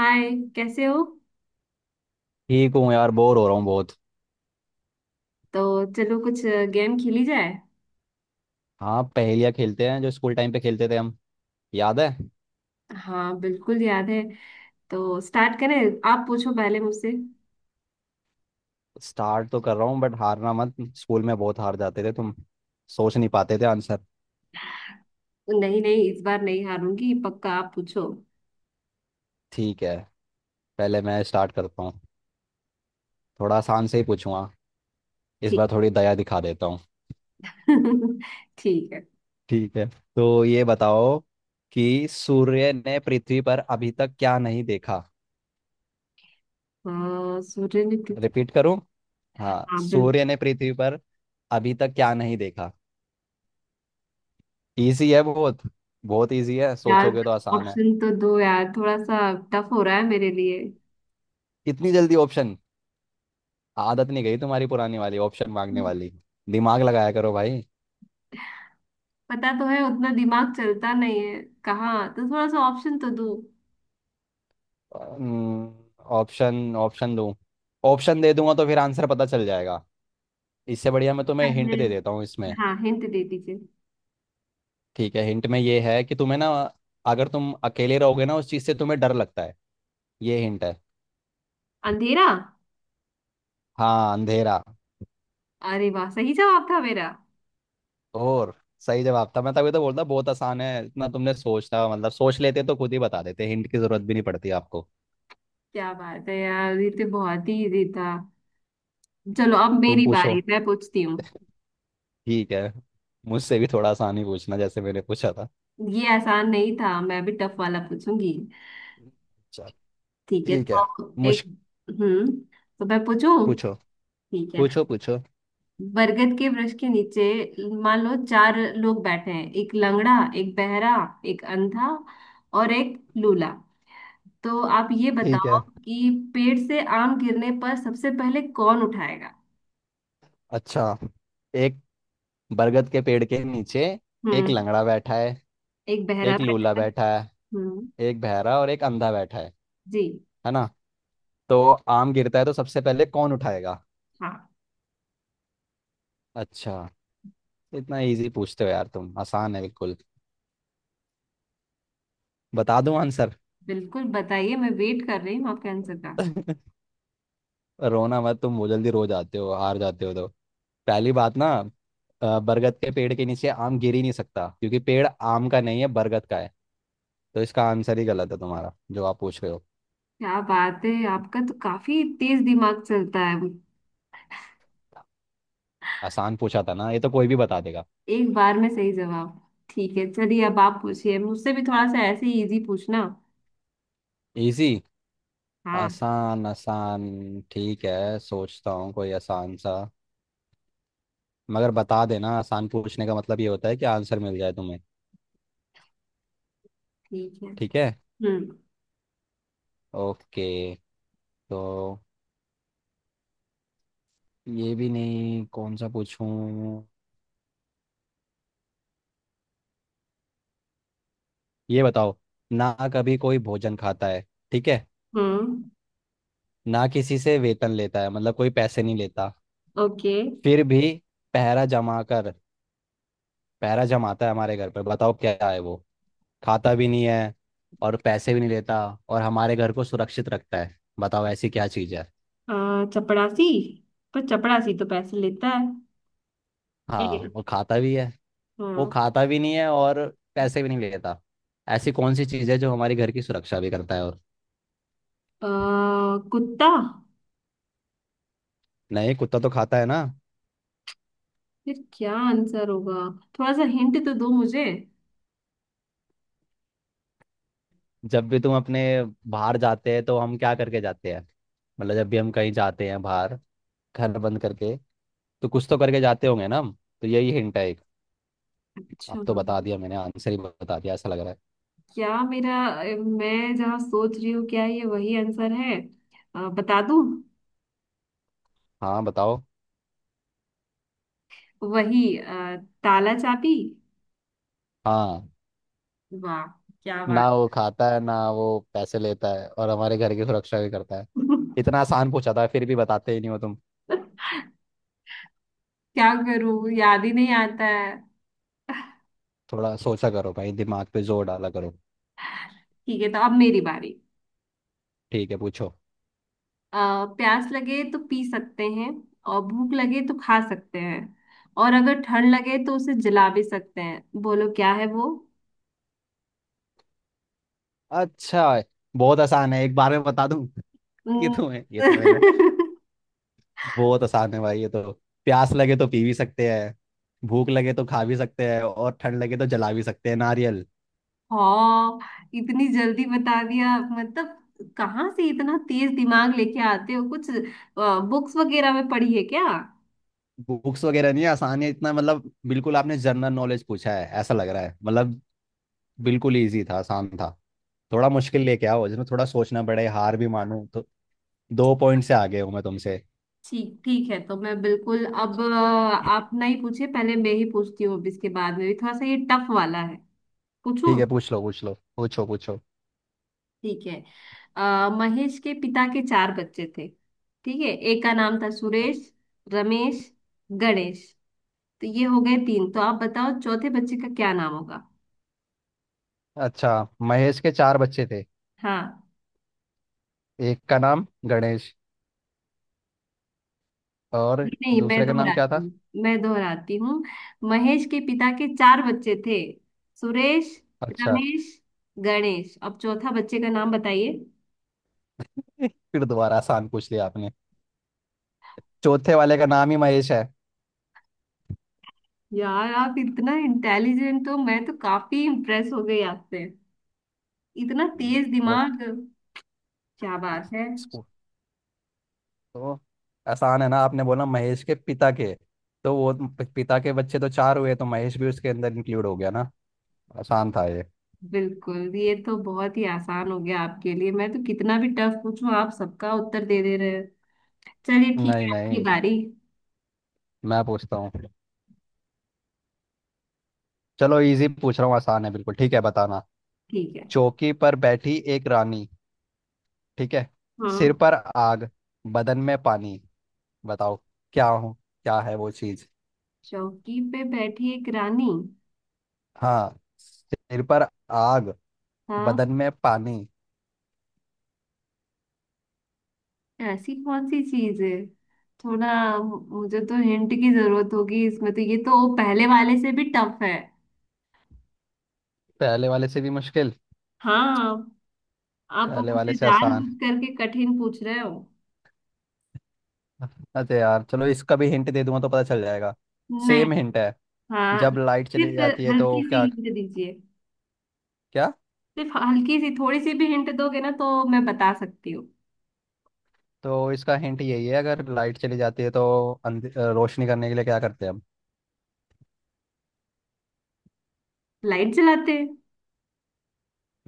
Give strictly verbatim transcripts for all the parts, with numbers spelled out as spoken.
हाय। कैसे हो? ठीक हूँ यार, बोर हो रहा हूँ बहुत। तो चलो कुछ गेम खेली जाए। हाँ, पहेलियाँ खेलते हैं जो स्कूल टाइम पे खेलते थे हम। याद है? हाँ, बिल्कुल याद है। तो स्टार्ट करें? आप पूछो पहले मुझसे। स्टार्ट तो कर रहा हूँ, बट हारना मत। स्कूल में बहुत हार जाते थे तुम, सोच नहीं पाते थे आंसर। नहीं नहीं, इस बार नहीं हारूंगी, पक्का। आप पूछो। ठीक है, पहले मैं स्टार्ट करता हूँ। थोड़ा आसान से ही पूछूंगा। इस ठीक, बार थोड़ी दया दिखा देता हूँ। ठीक है। ठीक है, तो ये बताओ कि सूर्य ने पृथ्वी पर अभी तक क्या नहीं देखा? अ, सूर्य ने पृथ्वी। रिपीट करूँ? हाँ, हाँ, बिल्कुल। सूर्य ने पृथ्वी पर अभी तक क्या नहीं देखा? इजी है बहुत। बहुत इजी है, यार, सोचोगे तो आसान है। ऑप्शन तो दो यार, थोड़ा सा टफ हो रहा है मेरे लिए। इतनी जल्दी ऑप्शन? आदत नहीं गई तुम्हारी पुरानी वाली, ऑप्शन मांगने वाली। दिमाग लगाया करो भाई। पता तो है, उतना दिमाग चलता नहीं है। कहाँ तो थोड़ा सा ऑप्शन तो दो। ऑप्शन ऑप्शन दूं? ऑप्शन दे दूंगा तो फिर आंसर पता चल जाएगा। इससे बढ़िया मैं तुम्हें हिंट पहले। दे देता हूँ इसमें। हाँ, हिंट दे दीजिए। ठीक है, हिंट में ये है कि तुम्हें ना, अगर तुम अकेले रहोगे ना, उस चीज़ से तुम्हें डर लगता है। ये हिंट है। अंधेरा। हाँ, अंधेरा। अरे वाह, सही जवाब था मेरा। और सही जवाब था, मैं तभी तो बोलता बहुत आसान है इतना। तुमने सोचना, मतलब सोच लेते तो खुद ही बता देते, हिंट की जरूरत भी नहीं पड़ती आपको। क्या बात है यार, ये तो बहुत ही इजी था। चलो अब तुम मेरी पूछो। बारी, मैं पूछती हूँ। ठीक है, मुझसे भी थोड़ा आसान ही पूछना जैसे मैंने पूछा था। ये आसान नहीं था, मैं भी टफ वाला पूछूंगी। अच्छा। ठीक है, ठीक है, तो मुझ एक। हम्म, तो मैं पूछूं? पूछो ठीक है। पूछो पूछो। बरगद के वृक्ष के नीचे मान लो चार लोग बैठे हैं। एक लंगड़ा, एक बहरा, एक अंधा और एक लूला। तो आप ये ठीक बताओ है। कि पेड़ से आम गिरने पर सबसे पहले कौन उठाएगा? अच्छा, एक बरगद के पेड़ के नीचे एक हम्म। लंगड़ा बैठा है, एक बहरा एक बैठा लूला है। बैठा है, हम्म। एक बहरा और एक अंधा बैठा है जी। है ना? तो आम गिरता है तो सबसे पहले कौन उठाएगा? हाँ, अच्छा। इतना इजी पूछते हो यार तुम, आसान है बिल्कुल। बता दूं आंसर? बिल्कुल बताइए, मैं वेट कर रही हूँ आपके आंसर का। रोना मत तुम, वो जल्दी रो जाते हो, हार जाते हो तो। पहली बात ना, अ, बरगद के पेड़ के नीचे आम गिर ही नहीं सकता, क्योंकि पेड़ आम का नहीं है, बरगद का है। तो इसका आंसर ही गलत है तुम्हारा, जो आप पूछ रहे हो। क्या बात है, आपका तो काफी तेज दिमाग चलता है। आसान पूछा था ना, ये तो कोई भी बता देगा। एक बार में सही जवाब। ठीक है, चलिए अब आप पूछिए, मुझसे भी थोड़ा सा ऐसे ही इजी पूछना। इजी? हाँ। आसान आसान, ठीक है, सोचता हूँ कोई आसान सा। मगर बता देना, आसान पूछने का मतलब ये होता है कि आंसर मिल जाए तुम्हें। ठीक है। ठीक है। हम्म। ओके। तो ये भी नहीं, कौन सा पूछूं। ये बताओ, ना कभी कोई भोजन खाता है, ठीक है, हम्म। ना किसी से वेतन लेता है, मतलब कोई पैसे नहीं लेता। ओके। फिर भी पहरा जमा कर, पहरा जमाता है हमारे घर पर। बताओ क्या है वो? खाता भी नहीं है और पैसे भी नहीं लेता और हमारे घर को सुरक्षित रखता है। बताओ ऐसी क्या चीज़ है? आ, चपड़ासी। पर चपड़ासी तो पैसे लेता है। ए, हाँ वो खाता भी है। वो हाँ। खाता भी नहीं है और पैसे भी नहीं लेता। ऐसी कौन सी चीज़ है जो हमारे घर की सुरक्षा भी करता है और? आ, कुत्ता। नहीं, कुत्ता तो खाता है ना। फिर क्या आंसर होगा? थोड़ा सा हिंट तो दो मुझे। जब भी तुम अपने बाहर जाते हैं तो हम क्या करके जाते हैं? मतलब जब भी हम कहीं जाते हैं बाहर, घर बंद करके, तो कुछ तो करके जाते होंगे ना हम। तो यही हिंट है एक। अब अच्छा, तो बता दिया मैंने, आंसर ही बता दिया ऐसा लग रहा है। क्या मेरा? मैं जहाँ सोच रही हूँ, क्या ये वही आंसर है? अ, बता दूँ? हाँ, बताओ। वही, अ, ताला चाबी। हाँ। वाह, क्या ना बात! वो खाता है, ना वो पैसे लेता है, और हमारे घर की सुरक्षा भी करता है। इतना आसान पूछा था, फिर भी बताते ही नहीं हो तुम। क्या करूँ, याद ही नहीं आता है। थोड़ा सोचा करो भाई, दिमाग पे जोर डाला करो। ठीक है, तो अब मेरी बारी। ठीक है, पूछो। अ, प्यास लगे तो पी सकते हैं, और भूख लगे तो खा सकते हैं, और अगर ठंड लगे तो उसे जला भी सकते हैं। बोलो क्या है वो? अच्छा। बहुत आसान है, एक बार में बता दूं। ये न- तो है, ये तो मैंने, बहुत आसान है भाई ये तो। प्यास लगे तो पी भी सकते हैं, भूख लगे तो खा भी सकते हैं, और ठंड लगे तो जला भी सकते हैं, नारियल। हाँ, इतनी जल्दी बता दिया, मतलब कहाँ से इतना तेज दिमाग लेके आते हो कुछ? बुक्स वगैरह में पढ़ी है क्या? बुक्स वगैरह नहीं है, आसान है इतना, मतलब बिल्कुल आपने जनरल नॉलेज पूछा है ऐसा लग रहा है मतलब। बिल्कुल इजी था, आसान था। थोड़ा मुश्किल लेके आओ, जिसमें थोड़ा सोचना पड़े, हार भी मानूं तो। दो पॉइंट से आगे हूं मैं तुमसे। ठीक, ठीक है। तो मैं बिल्कुल अब अ, आप नहीं पूछे, पहले मैं ही पूछती हूँ। अब इसके बाद में भी थोड़ा सा ये टफ वाला है, ठीक पूछूं? है, पूछ लो पूछ लो, पूछो पूछो। ठीक है। अ, महेश के पिता के चार बच्चे थे। ठीक है, एक का नाम था सुरेश, रमेश, गणेश। तो ये हो गए तीन, तो आप बताओ चौथे बच्चे का क्या नाम होगा? अच्छा, महेश के चार बच्चे थे, हाँ। एक का नाम गणेश, और नहीं, मैं दूसरे का नाम क्या दोहराती था? हूँ मैं दोहराती हूँ महेश के पिता के चार बच्चे थे। सुरेश, अच्छा। रमेश, गणेश। अब चौथा बच्चे का नाम बताइए। फिर दोबारा आसान पूछ लिया आपने। चौथे वाले का नाम ही महेश है। यार आप इतना इंटेलिजेंट हो, मैं तो काफी इम्प्रेस हो गई आपसे। इतना तेज वो दिमाग, क्या बात है! स्कू- तो आसान है ना, आपने बोला महेश के पिता के, तो वो प- पिता के बच्चे तो चार हुए, तो महेश भी उसके अंदर इंक्लूड हो गया ना। आसान था ये। बिल्कुल, ये तो बहुत ही आसान हो गया आपके लिए। मैं तो कितना भी टफ पूछूं, आप सबका उत्तर दे दे रहे हैं। चलिए ठीक नहीं है, आपकी नहीं बारी। मैं पूछता हूँ। चलो इजी पूछ रहा हूँ, आसान है बिल्कुल, ठीक है, बताना। ठीक है। चौकी पर बैठी एक रानी, ठीक है, हाँ। सिर पर आग, बदन में पानी। बताओ क्या हूँ, क्या है वो चीज? चौकी पे बैठी एक रानी। हाँ, सिर पर आग, हाँ। बदन में पानी। ऐसी कौन सी चीज है? थोड़ा, मुझे तो हिंट की जरूरत होगी इसमें तो। ये तो पहले वाले से भी टफ है। पहले वाले से भी मुश्किल? हाँ, आप पहले वाले मुझसे से आसान। जानबूझ करके कठिन पूछ रहे हो। अरे यार चलो, इसका भी हिंट दे दूंगा तो पता चल जाएगा। नहीं। सेम हिंट है। हाँ। जब लाइट चली सिर्फ जाती है तो हल्की सी क्या? हिंट दीजिए। क्या? सिर्फ हल्की सी, थोड़ी सी भी हिंट दोगे ना तो मैं बता सकती हूँ। तो इसका हिंट यही है, अगर लाइट चली जाती है तो अंधे- अ, रोशनी करने के लिए क्या करते हैं हम? लाइट जलाते हैं।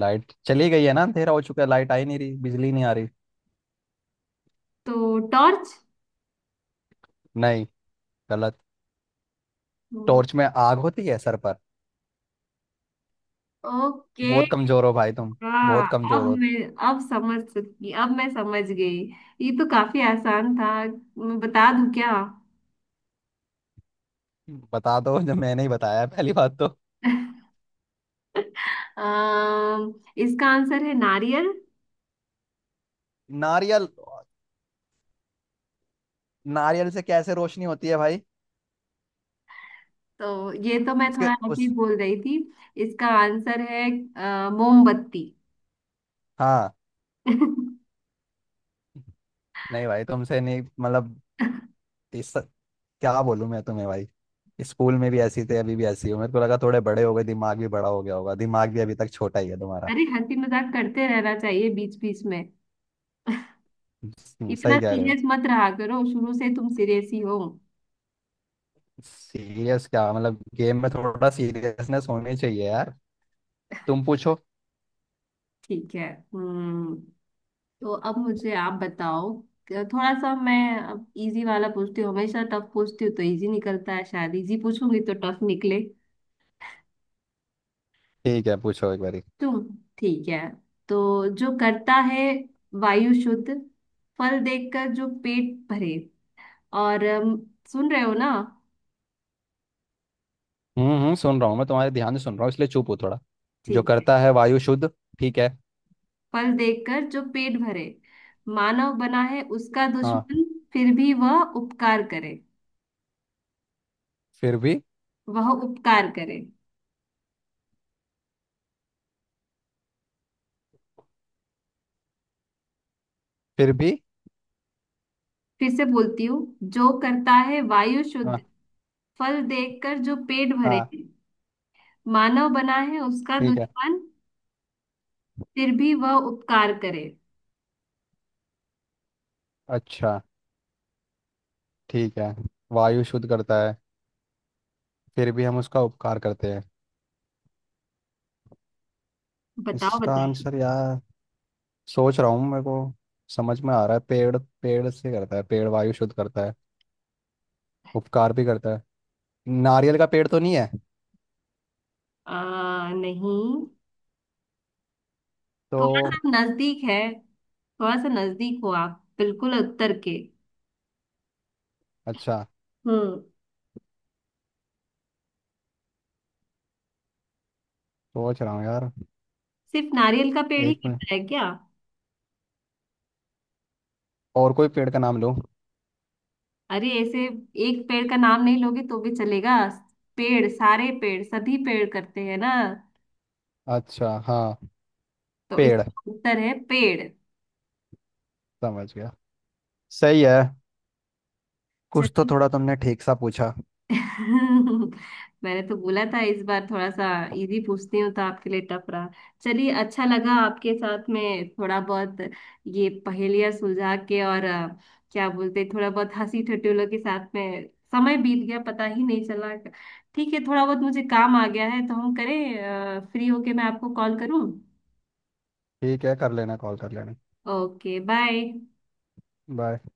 लाइट चली गई है ना, अंधेरा हो चुका है, लाइट आई नहीं रही, बिजली नहीं आ रही। तो टॉर्च। नहीं, गलत। टॉर्च में आग होती है सर पर? ओके। बहुत कमजोर हो भाई तुम। हाँ। बहुत अब कमजोर हो। मैं, अब समझ सकती, अब मैं समझ गई। ये तो काफी आसान था। मैं बता दूं क्या? बता दो, जब मैंने ही बताया है, पहली बात तो। अम, इसका आंसर है नारियल। नारियल? नारियल से कैसे रोशनी होती है भाई? तो ये तो मैं उसके थोड़ा ऐसे ही उस, बोल रही थी। इसका आंसर है अ, मोमबत्ती। हाँ, नहीं भाई, तुमसे नहीं मतलब। इस, क्या बोलूं मैं तुम्हें भाई। स्कूल में भी ऐसी थे, अभी भी ऐसी हो। मेरे को लगा थोड़े बड़े हो गए, दिमाग भी बड़ा हो गया होगा, दिमाग भी अभी तक छोटा ही है तुम्हारा। अरे हंसी मजाक करते रहना चाहिए बीच बीच में। हम्म, इतना सही कह रहे हो। सीरियस मत रहा करो, शुरू से तुम सीरियस ही हो। सीरियस क्या मतलब, गेम में थोड़ा सीरियसनेस होनी चाहिए यार। तुम पूछो। ठीक है। हम्म। तो अब मुझे आप बताओ। क- थोड़ा सा मैं अब इजी वाला पूछती हूँ। हमेशा टफ पूछती हूँ तो इजी निकलता है, शायद इजी पूछूंगी तो टफ निकले। ठीक है, पूछो एक बारी। तुम। ठीक है। तो जो करता है वायु शुद्ध, फल देखकर जो पेट भरे, और अम, सुन रहे हो ना? हम्म हम्म सुन रहा हूँ मैं तुम्हारे, ध्यान से सुन रहा हूँ इसलिए चुप हूँ थोड़ा। जो ठीक है। करता है वायु शुद्ध, ठीक है। फल देखकर जो पेट भरे, मानव बना है उसका हाँ। दुश्मन, फिर भी वह उपकार करे। फिर भी। वह उपकार करे। फिर भी। फिर से बोलती हूँ। जो करता है वायु शुद्ध, हाँ। फल देखकर जो पेट भरे, हाँ। मानव बना है उसका ठीक है। दुश्मन, फिर भी वह उपकार करे। अच्छा, ठीक है। वायु शुद्ध करता है, फिर भी हम उसका उपकार करते हैं। बताओ इसका बताओ। आंसर यार, सोच रहा हूँ मेरे को। समझ में आ रहा है, पेड़, पेड़ से करता है, पेड़ वायु शुद्ध करता है, उपकार भी करता है। नारियल का पेड़ तो नहीं है? आ, नहीं, तो? थोड़ा सा नजदीक है। थोड़ा सा नजदीक हो आप बिल्कुल उत्तर के। अच्छा। हम्म। सोच रहा हूँ यार। सिर्फ नारियल का पेड़ ही एक मिनट। कटता है क्या? और कोई पेड़ का नाम लूँ? अरे ऐसे एक पेड़ का नाम नहीं लोगे तो भी चलेगा। पेड़, सारे पेड़, सभी पेड़ करते हैं ना। अच्छा हाँ। तो पेड़। इसका उत्तर है पेड़। समझ गया। सही है। कुछ तो चलिए। थोड़ा तुमने ठीक सा पूछा। मैंने तो बोला था इस बार थोड़ा सा इजी पूछती हूँ तो आपके लिए टफ रहा। चलिए, अच्छा लगा आपके साथ में थोड़ा बहुत ये पहेलियां सुलझा के, और अ, क्या बोलते हैं, थोड़ा बहुत हंसी ठटोलों के साथ में समय बीत गया, पता ही नहीं चला। ठीक है, थोड़ा बहुत मुझे काम आ गया है, तो हम करें, फ्री होके मैं आपको कॉल करूँ। ठीक है, कर लेना, कॉल कर लेना। Okay, bye. बाय।